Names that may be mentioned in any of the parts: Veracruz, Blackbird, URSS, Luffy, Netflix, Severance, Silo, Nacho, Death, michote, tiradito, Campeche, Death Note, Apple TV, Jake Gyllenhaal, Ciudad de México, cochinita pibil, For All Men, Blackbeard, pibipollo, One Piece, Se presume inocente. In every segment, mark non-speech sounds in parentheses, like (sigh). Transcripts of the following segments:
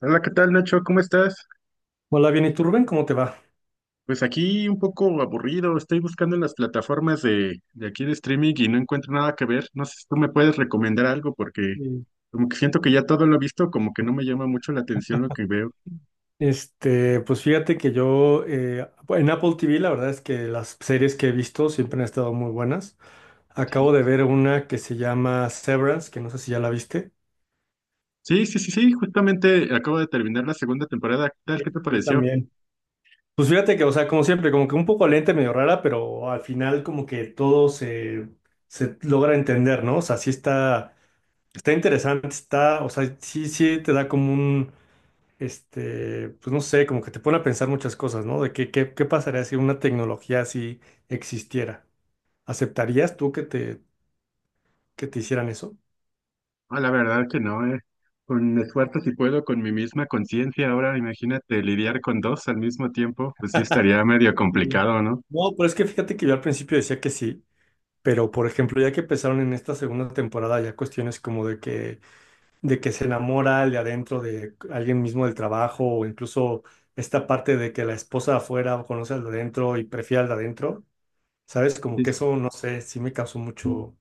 Hola, ¿qué tal, Nacho? ¿Cómo estás? Hola, bien, ¿y tú, Rubén? ¿Cómo te va? Pues aquí un poco aburrido, estoy buscando en las plataformas de aquí de streaming y no encuentro nada que ver. No sé si tú me puedes recomendar algo porque Bien. como que siento que ya todo lo he visto, como que no me llama mucho la atención lo que veo. Pues fíjate que yo en Apple TV la verdad es que las series que he visto siempre han estado muy buenas. Acabo de ver una que se llama Severance, que no sé si ya la viste. Sí, sí, sí, sí, justamente acabo de terminar la segunda temporada. ¿Qué tal? ¿Qué Sí, te yo pareció? también. Pues fíjate que, o sea, como siempre, como que un poco lenta, y medio rara, pero al final como que todo se logra entender, ¿no? O sea, sí está, interesante, está, o sea, sí, sí te da como un, este, pues no sé, como que te pone a pensar muchas cosas, ¿no? De qué pasaría si una tecnología así existiera. ¿Aceptarías tú que te, hicieran eso? Ah, la verdad que no. Con esfuerzo si puedo, con mi misma conciencia. Ahora imagínate lidiar con dos al mismo tiempo, pues sí estaría medio Mm. complicado, ¿no? No, pero es que fíjate que yo al principio decía que sí, pero por ejemplo, ya que empezaron en esta segunda temporada, ya cuestiones como de que se enamora el de adentro de alguien mismo del trabajo, o incluso esta parte de que la esposa de afuera conoce al de adentro y prefiere al de adentro, ¿sabes? Como que Sí, eso, no sé, sí me causó mucho.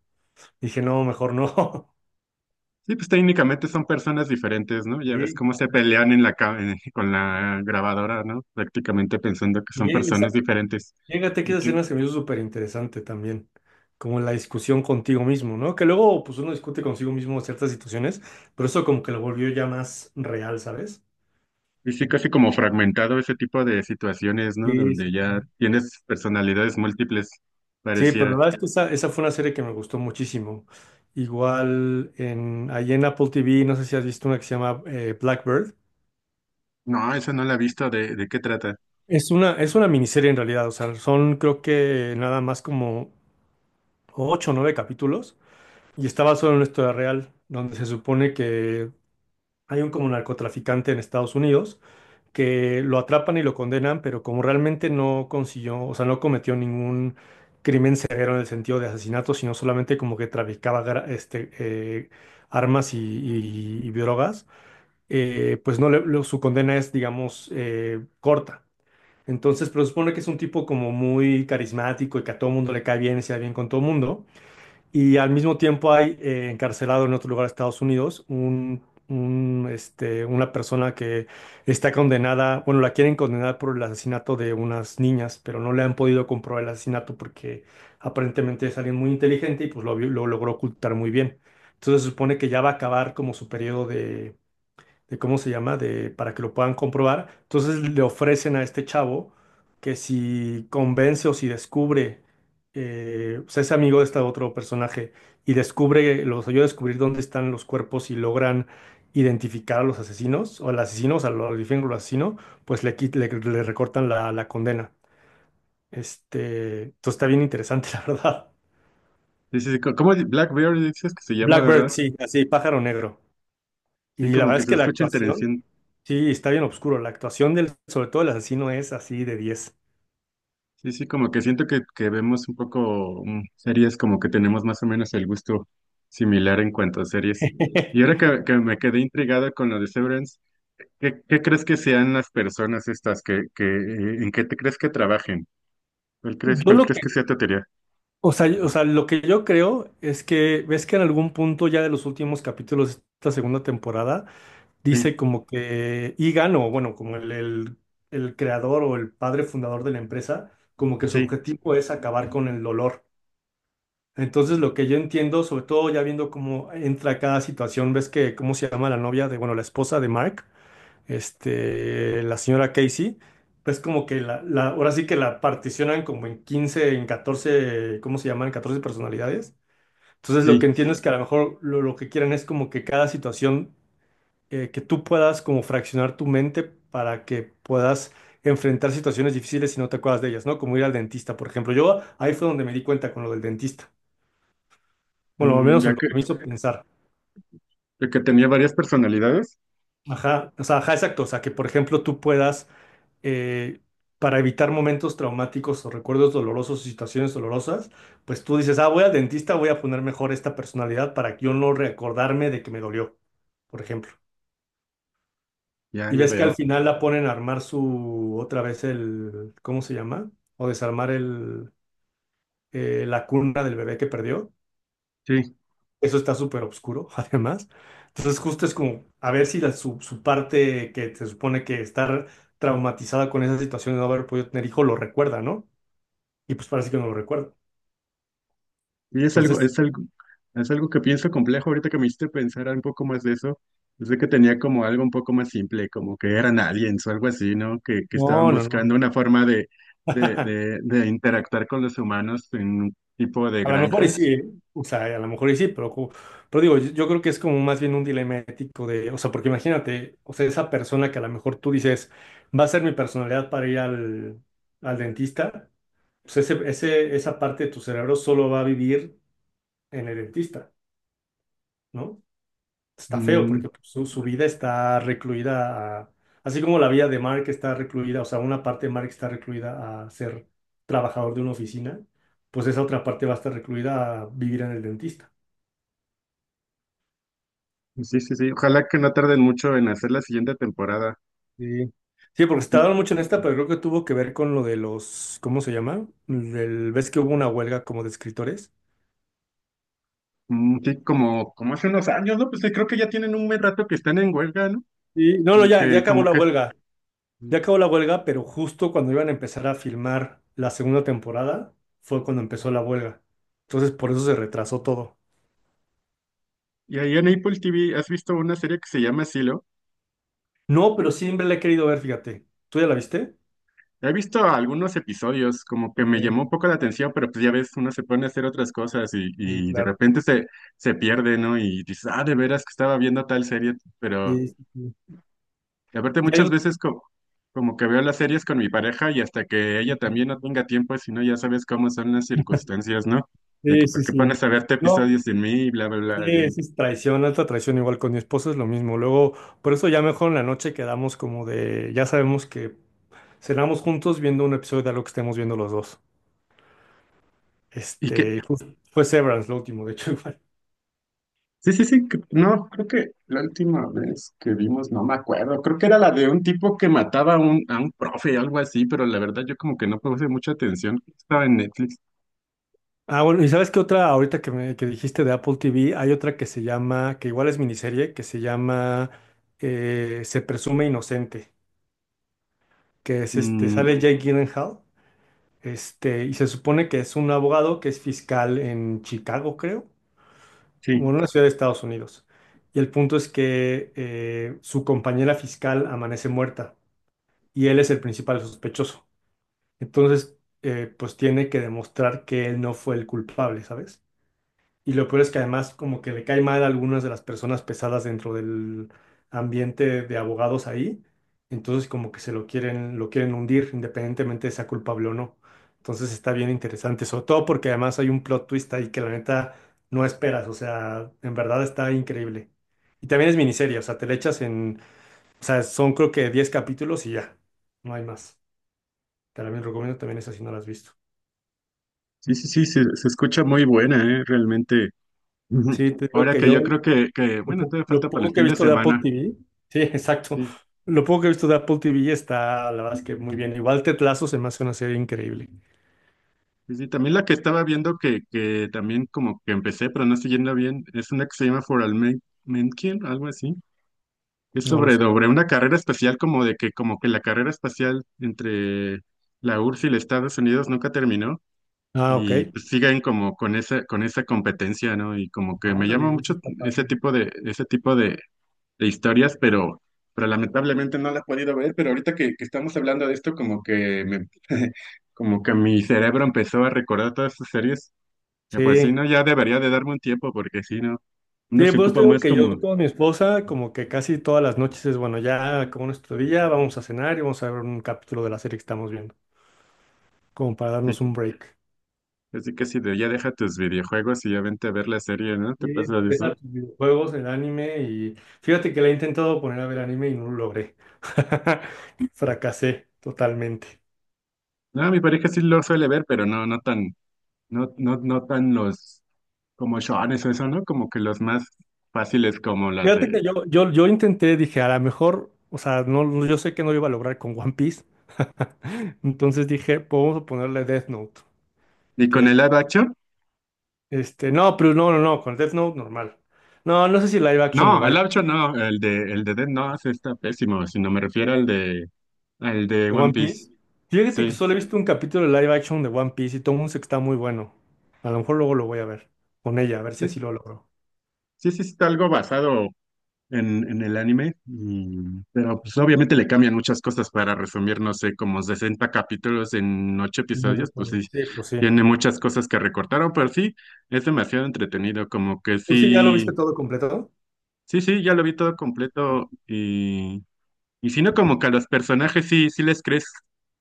Dije, no, mejor no. (laughs) sí, pues técnicamente son personas diferentes, ¿no? Ya ves Sí, cómo se pelean en la (laughs) con la grabadora, ¿no? Prácticamente pensando que son sí, personas diferentes fíjate que y esa que escena se me hizo súper interesante también, como la discusión contigo mismo, ¿no? Que luego pues uno discute consigo mismo ciertas situaciones, pero eso como que lo volvió ya más real, ¿sabes? y sí casi como fragmentado ese tipo de situaciones, ¿no? Sí, Donde sí, ya sí. tienes personalidades múltiples, Sí, pero la pareciera. verdad es que esa fue una serie que me gustó muchísimo. Igual ahí en Apple TV, no sé si has visto una que se llama Blackbird. No, esa no la he visto, ¿de qué trata? Es una miniserie en realidad, o sea, son creo que nada más como ocho o nueve capítulos y estaba solo en una historia real, donde se supone que hay un como narcotraficante en Estados Unidos que lo atrapan y lo condenan, pero como realmente no consiguió, o sea, no cometió ningún crimen severo en el sentido de asesinato, sino solamente como que traficaba este, armas y drogas, pues no su condena es, digamos, corta. Entonces, pero supone que es un tipo como muy carismático y que a todo mundo le cae bien y se da bien con todo mundo. Y al mismo tiempo hay encarcelado en otro lugar de Estados Unidos una persona que está condenada, bueno, la quieren condenar por el asesinato de unas niñas, pero no le han podido comprobar el asesinato porque aparentemente es alguien muy inteligente y pues lo logró ocultar muy bien. Entonces se supone que ya va a acabar como su periodo de cómo se llama, de para que lo puedan comprobar. Entonces le ofrecen a este chavo que si convence o si descubre, o sea, es amigo de este otro personaje y descubre, los ayuda a descubrir dónde están los cuerpos y logran identificar a los asesinos o al asesino, o sea, lo identifican con el asesino, pues le recortan la condena. Entonces está bien interesante, (laughs) la verdad. Dices, ¿cómo Blackbeard dices que se llama, Blackbird, verdad? sí, así, pájaro negro. Sí, Y la como verdad que es se que la escucha actuación, interesante. sí, está bien oscuro. La actuación del, sobre todo el asesino, es así de 10. Sí, sí, como que siento que vemos un poco series, como que tenemos más o menos el gusto similar en cuanto a series. Y (laughs) ahora que me quedé intrigado con lo de Severance, ¿qué crees que sean las personas estas que en qué te crees que trabajen? ¿Cuál crees, Yo cuál lo crees que que, sea tu teoría? o sea, lo que yo creo es que ves que en algún punto ya de los últimos capítulos de esta segunda temporada Sí, dice como que Egan o bueno, como el creador o el padre fundador de la empresa, como que su sí, objetivo es acabar con el dolor. Entonces lo que yo entiendo, sobre todo ya viendo cómo entra cada situación, ves que cómo se llama la novia de, bueno, la esposa de Mark. La señora Casey, pues como que ahora sí que la particionan como en 15 en 14, ¿cómo se llaman? 14 personalidades. Entonces lo que sí. entiendo es que a lo mejor lo que quieren es como que cada situación, que tú puedas como fraccionar tu mente para que puedas enfrentar situaciones difíciles si no te acuerdas de ellas, ¿no? Como ir al dentista, por ejemplo. Yo ahí fue donde me di cuenta con lo del dentista. Bueno, al Mm, menos ya lo que, que me hizo pensar. ya que tenía varias personalidades, Ajá, o sea, ajá, exacto. O sea, que por ejemplo tú puedas eh, para evitar momentos traumáticos o recuerdos dolorosos o situaciones dolorosas, pues tú dices, ah, voy al dentista, voy a poner mejor esta personalidad para que yo no recordarme de que me dolió, por ejemplo. ya, Y ya ves que al veo. final la ponen a armar su, otra vez el, ¿cómo se llama? O desarmar la cuna del bebé que perdió. Sí. Eso está súper oscuro, (laughs) además. Entonces justo es como, a ver si su parte que se supone que estar traumatizada con esa situación de no haber podido tener hijo lo recuerda, ¿no? Y pues parece que no lo recuerdo. Y Entonces, es algo que pienso complejo ahorita que me hiciste pensar un poco más de eso. Es de que tenía como algo un poco más simple, como que eran aliens o algo así, ¿no? Que estaban no, no, no. buscando una forma de, de, (laughs) de, de interactuar con los humanos en un tipo de A lo mejor y sí, granjas. ¿eh? O sea, a lo mejor y sí, pero, pero digo, yo creo que es como más bien un dilema ético de, o sea, porque imagínate, o sea, esa persona que a lo mejor tú dices, va a ser mi personalidad para ir al, dentista, pues esa parte de tu cerebro solo va a vivir en el dentista, ¿no? Está feo Mm, porque pues, su vida está recluida a, así como la vida de Mark está recluida, o sea, una parte de Mark está recluida a ser trabajador de una oficina, pues esa otra parte va a estar recluida a vivir en el dentista. sí, sí, sí. Ojalá que no tarden mucho en hacer la siguiente temporada. Sí. Sí, porque se Y, tardaron mucho en esta, pero creo que tuvo que ver con lo de los, ¿cómo se llama? Del, ¿ves que hubo una huelga como de escritores? mm, sí, como hace unos años, ¿no? Pues sí, creo que ya tienen un buen rato que están en huelga, ¿no? Y no, no, Como ya, ya que, acabó como la que. huelga, ya acabó la huelga, pero justo cuando iban a empezar a filmar la segunda temporada fue cuando empezó la huelga. Entonces, por eso se retrasó todo. Y ahí en Apple TV, ¿has visto una serie que se llama Silo? No, pero siempre la he querido ver, fíjate. ¿Tú ya la viste? He visto algunos episodios, como que Ok, me llamó un poco la atención, pero pues ya ves, uno se pone a hacer otras cosas y, sí, y de claro. repente se pierde, ¿no? Y dices, ah, de veras que estaba viendo tal serie, pero Sí, sí, sí. de repente Ya muchas yo. veces como que veo las series con mi pareja y hasta que ella Ok. también no tenga tiempo, si no, ya sabes cómo son las circunstancias, ¿no? De Sí, que, ¿por sí, qué sí. pones a verte No, episodios sin mí? Y bla, bla, sí, bla. sí. Es traición, alta traición, igual con mi esposa es lo mismo. Luego, por eso ya mejor en la noche quedamos como de, ya sabemos que cenamos juntos viendo un episodio de algo que estemos viendo los dos. Y que, Fue Severance lo último, de hecho, (laughs) igual. Sí, sí, sí, no, creo que la última vez que vimos, no me acuerdo, creo que era la de un tipo que mataba a un profe, algo así, pero la verdad yo como que no puse mucha atención, estaba en Netflix. Ah, bueno, y sabes qué otra, ahorita que me que dijiste de Apple TV, hay otra que se llama, que igual es miniserie, que se llama Se presume inocente. Que es sale Mm, Jake Gyllenhaal, y se supone que es un abogado que es fiscal en Chicago, creo, o en sí, una ciudad de Estados Unidos. Y el punto es que su compañera fiscal amanece muerta y él es el principal sospechoso. Entonces, pues tiene que demostrar que él no fue el culpable, ¿sabes? Y lo peor es que además como que le cae mal a algunas de las personas pesadas dentro del ambiente de abogados ahí. Entonces como que lo quieren hundir independientemente de sea culpable o no. Entonces está bien interesante, sobre todo porque además hay un plot twist ahí que la neta no esperas. O sea, en verdad está increíble. Y también es miniserie, o sea, te le echas en, o sea, son creo que 10 capítulos y ya, no hay más. Te la recomiendo también esa si no la has visto. sí, sí, sí, se escucha muy buena, realmente. Ujú. Sí, te digo Ahora que que yo. yo creo Lo, bueno, po- todavía lo falta para el poco que he fin de visto de Apple semana. TV, sí, (laughs) exacto. Sí, Lo poco que he visto de Apple TV está, la verdad es que muy bien. Igual Tetlazo se me hace una serie increíble. sí, sí, también la que estaba viendo que también como que empecé, pero no siguiendo bien, es una que se llama For All Men, Men Kill, algo así. Es No lo sobre, sé. sobre una carrera espacial como que la carrera espacial entre la URSS y los Estados Unidos nunca terminó Ah, ok. y pues siguen como con esa competencia, ¿no? Y como que me Ahora llama le eso mucho está ese padre. tipo de historias, pero lamentablemente no la he podido ver, pero ahorita que estamos hablando de esto como que me (laughs) como que mi cerebro empezó a recordar todas esas series. Y pues sí, Sí, no, ya debería de darme un tiempo porque si no, uno sí, se pues te ocupa digo más que como yo con mi esposa, como que casi todas las noches es, bueno, ya como nuestro día, vamos a cenar y vamos a ver un capítulo de la serie que estamos viendo, como para darnos un sí. break. Así que si de ya deja tus videojuegos y ya vente a ver la serie, ¿no? ¿Te Sí, pasa de empezar eso? tus videojuegos, el anime y fíjate que le he intentado poner a ver anime y no lo logré. (laughs) Fracasé totalmente. No, mi pareja sí lo suele ver, pero no, no tan, no, no, no tan los como shones o eso, ¿no? Como que los más fáciles como las Fíjate de. que yo intenté, dije, a lo mejor, o sea, yo sé que no lo iba a lograr con One Piece. (laughs) Entonces dije, pues vamos a ponerle Death Note. ¿Y con Que, el live action? No, pero no, no, no, con Death Note normal. No, no sé si live No, action lo el vaya. live action no, el de Death no, ese está pésimo, sino me refiero al de ¿De One One Piece. Piece? Fíjate que Sí. solo he visto un capítulo de live action de One Piece y todo el mundo dice que está muy bueno. A lo mejor luego lo voy a ver con ella, a ver si Sí, así lo logro. sí, sí está algo basado en el anime, pero pues obviamente le cambian muchas cosas para resumir, no sé, como 60 capítulos en 8 Mm, episodios, pues sí, sí, pues sí. tiene muchas cosas que recortaron, pero sí, es demasiado entretenido, como que ¿Tú sí ya lo viste sí, todo completo? sí, sí, ya lo vi todo completo, y si no, como que a los personajes sí, sí les crees.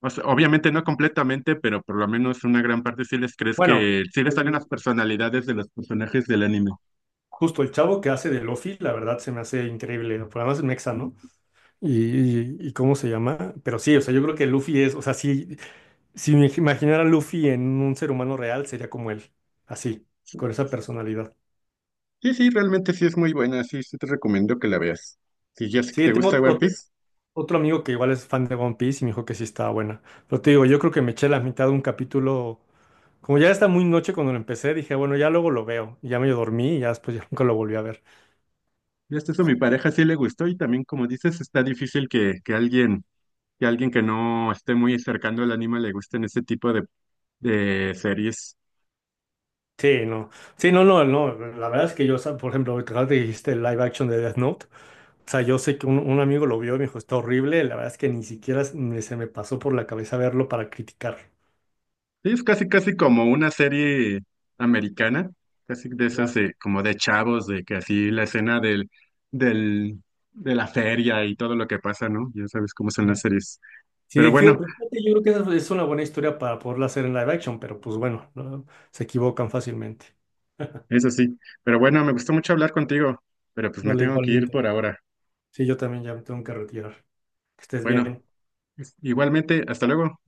O sea, obviamente no completamente, pero por lo menos una gran parte sí les crees Bueno, que sí les salen las personalidades de los personajes del anime. justo el chavo que hace de Luffy, la verdad se me hace increíble. Por además es mexa, ¿no? Y cómo se llama, pero sí, o sea, yo creo que Luffy es, o sea, si, me imaginara a Luffy en un ser humano real, sería como él, así, con esa personalidad. Sí, sí, realmente sí es muy buena, sí, sí te recomiendo que la veas. Si ya sé que Sí, te tengo gusta One otro, Piece, otro amigo que igual es fan de One Piece y me dijo que sí estaba buena, pero te digo, yo creo que me eché la mitad de un capítulo, como ya está muy noche cuando lo empecé, dije, bueno, ya luego lo veo, y ya medio dormí y ya después ya (laughs) nunca lo volví a ver. ya hasta eso a mi pareja sí le gustó y también como dices, está difícil que, que alguien que no esté muy cercano al anime le gusten ese tipo de series. Sí, no, sí, no, no, no, la verdad es que yo, o sea, por ejemplo, ahorita que dijiste el live action de Death Note. O sea, yo sé que un amigo lo vio y me dijo, está horrible. La verdad es que ni siquiera se me pasó por la cabeza verlo para criticar. Sí, es casi casi como una serie americana, casi de esas Ya, como de chavos, de que así la escena del, de la feria y todo lo que pasa, ¿no? Ya sabes cómo son las ya. series. Pero Sí, fíjate, bueno. fíjate, yo creo que esa es una buena historia para poderla hacer en live action, pero pues bueno, no, se equivocan fácilmente. (laughs) Eso sí, pero bueno, me gustó mucho hablar contigo, pero pues me Vale, tengo que ir igualmente. por ahora. Sí, yo también ya me tengo que retirar. Que estés Bueno, bien. igualmente, hasta luego.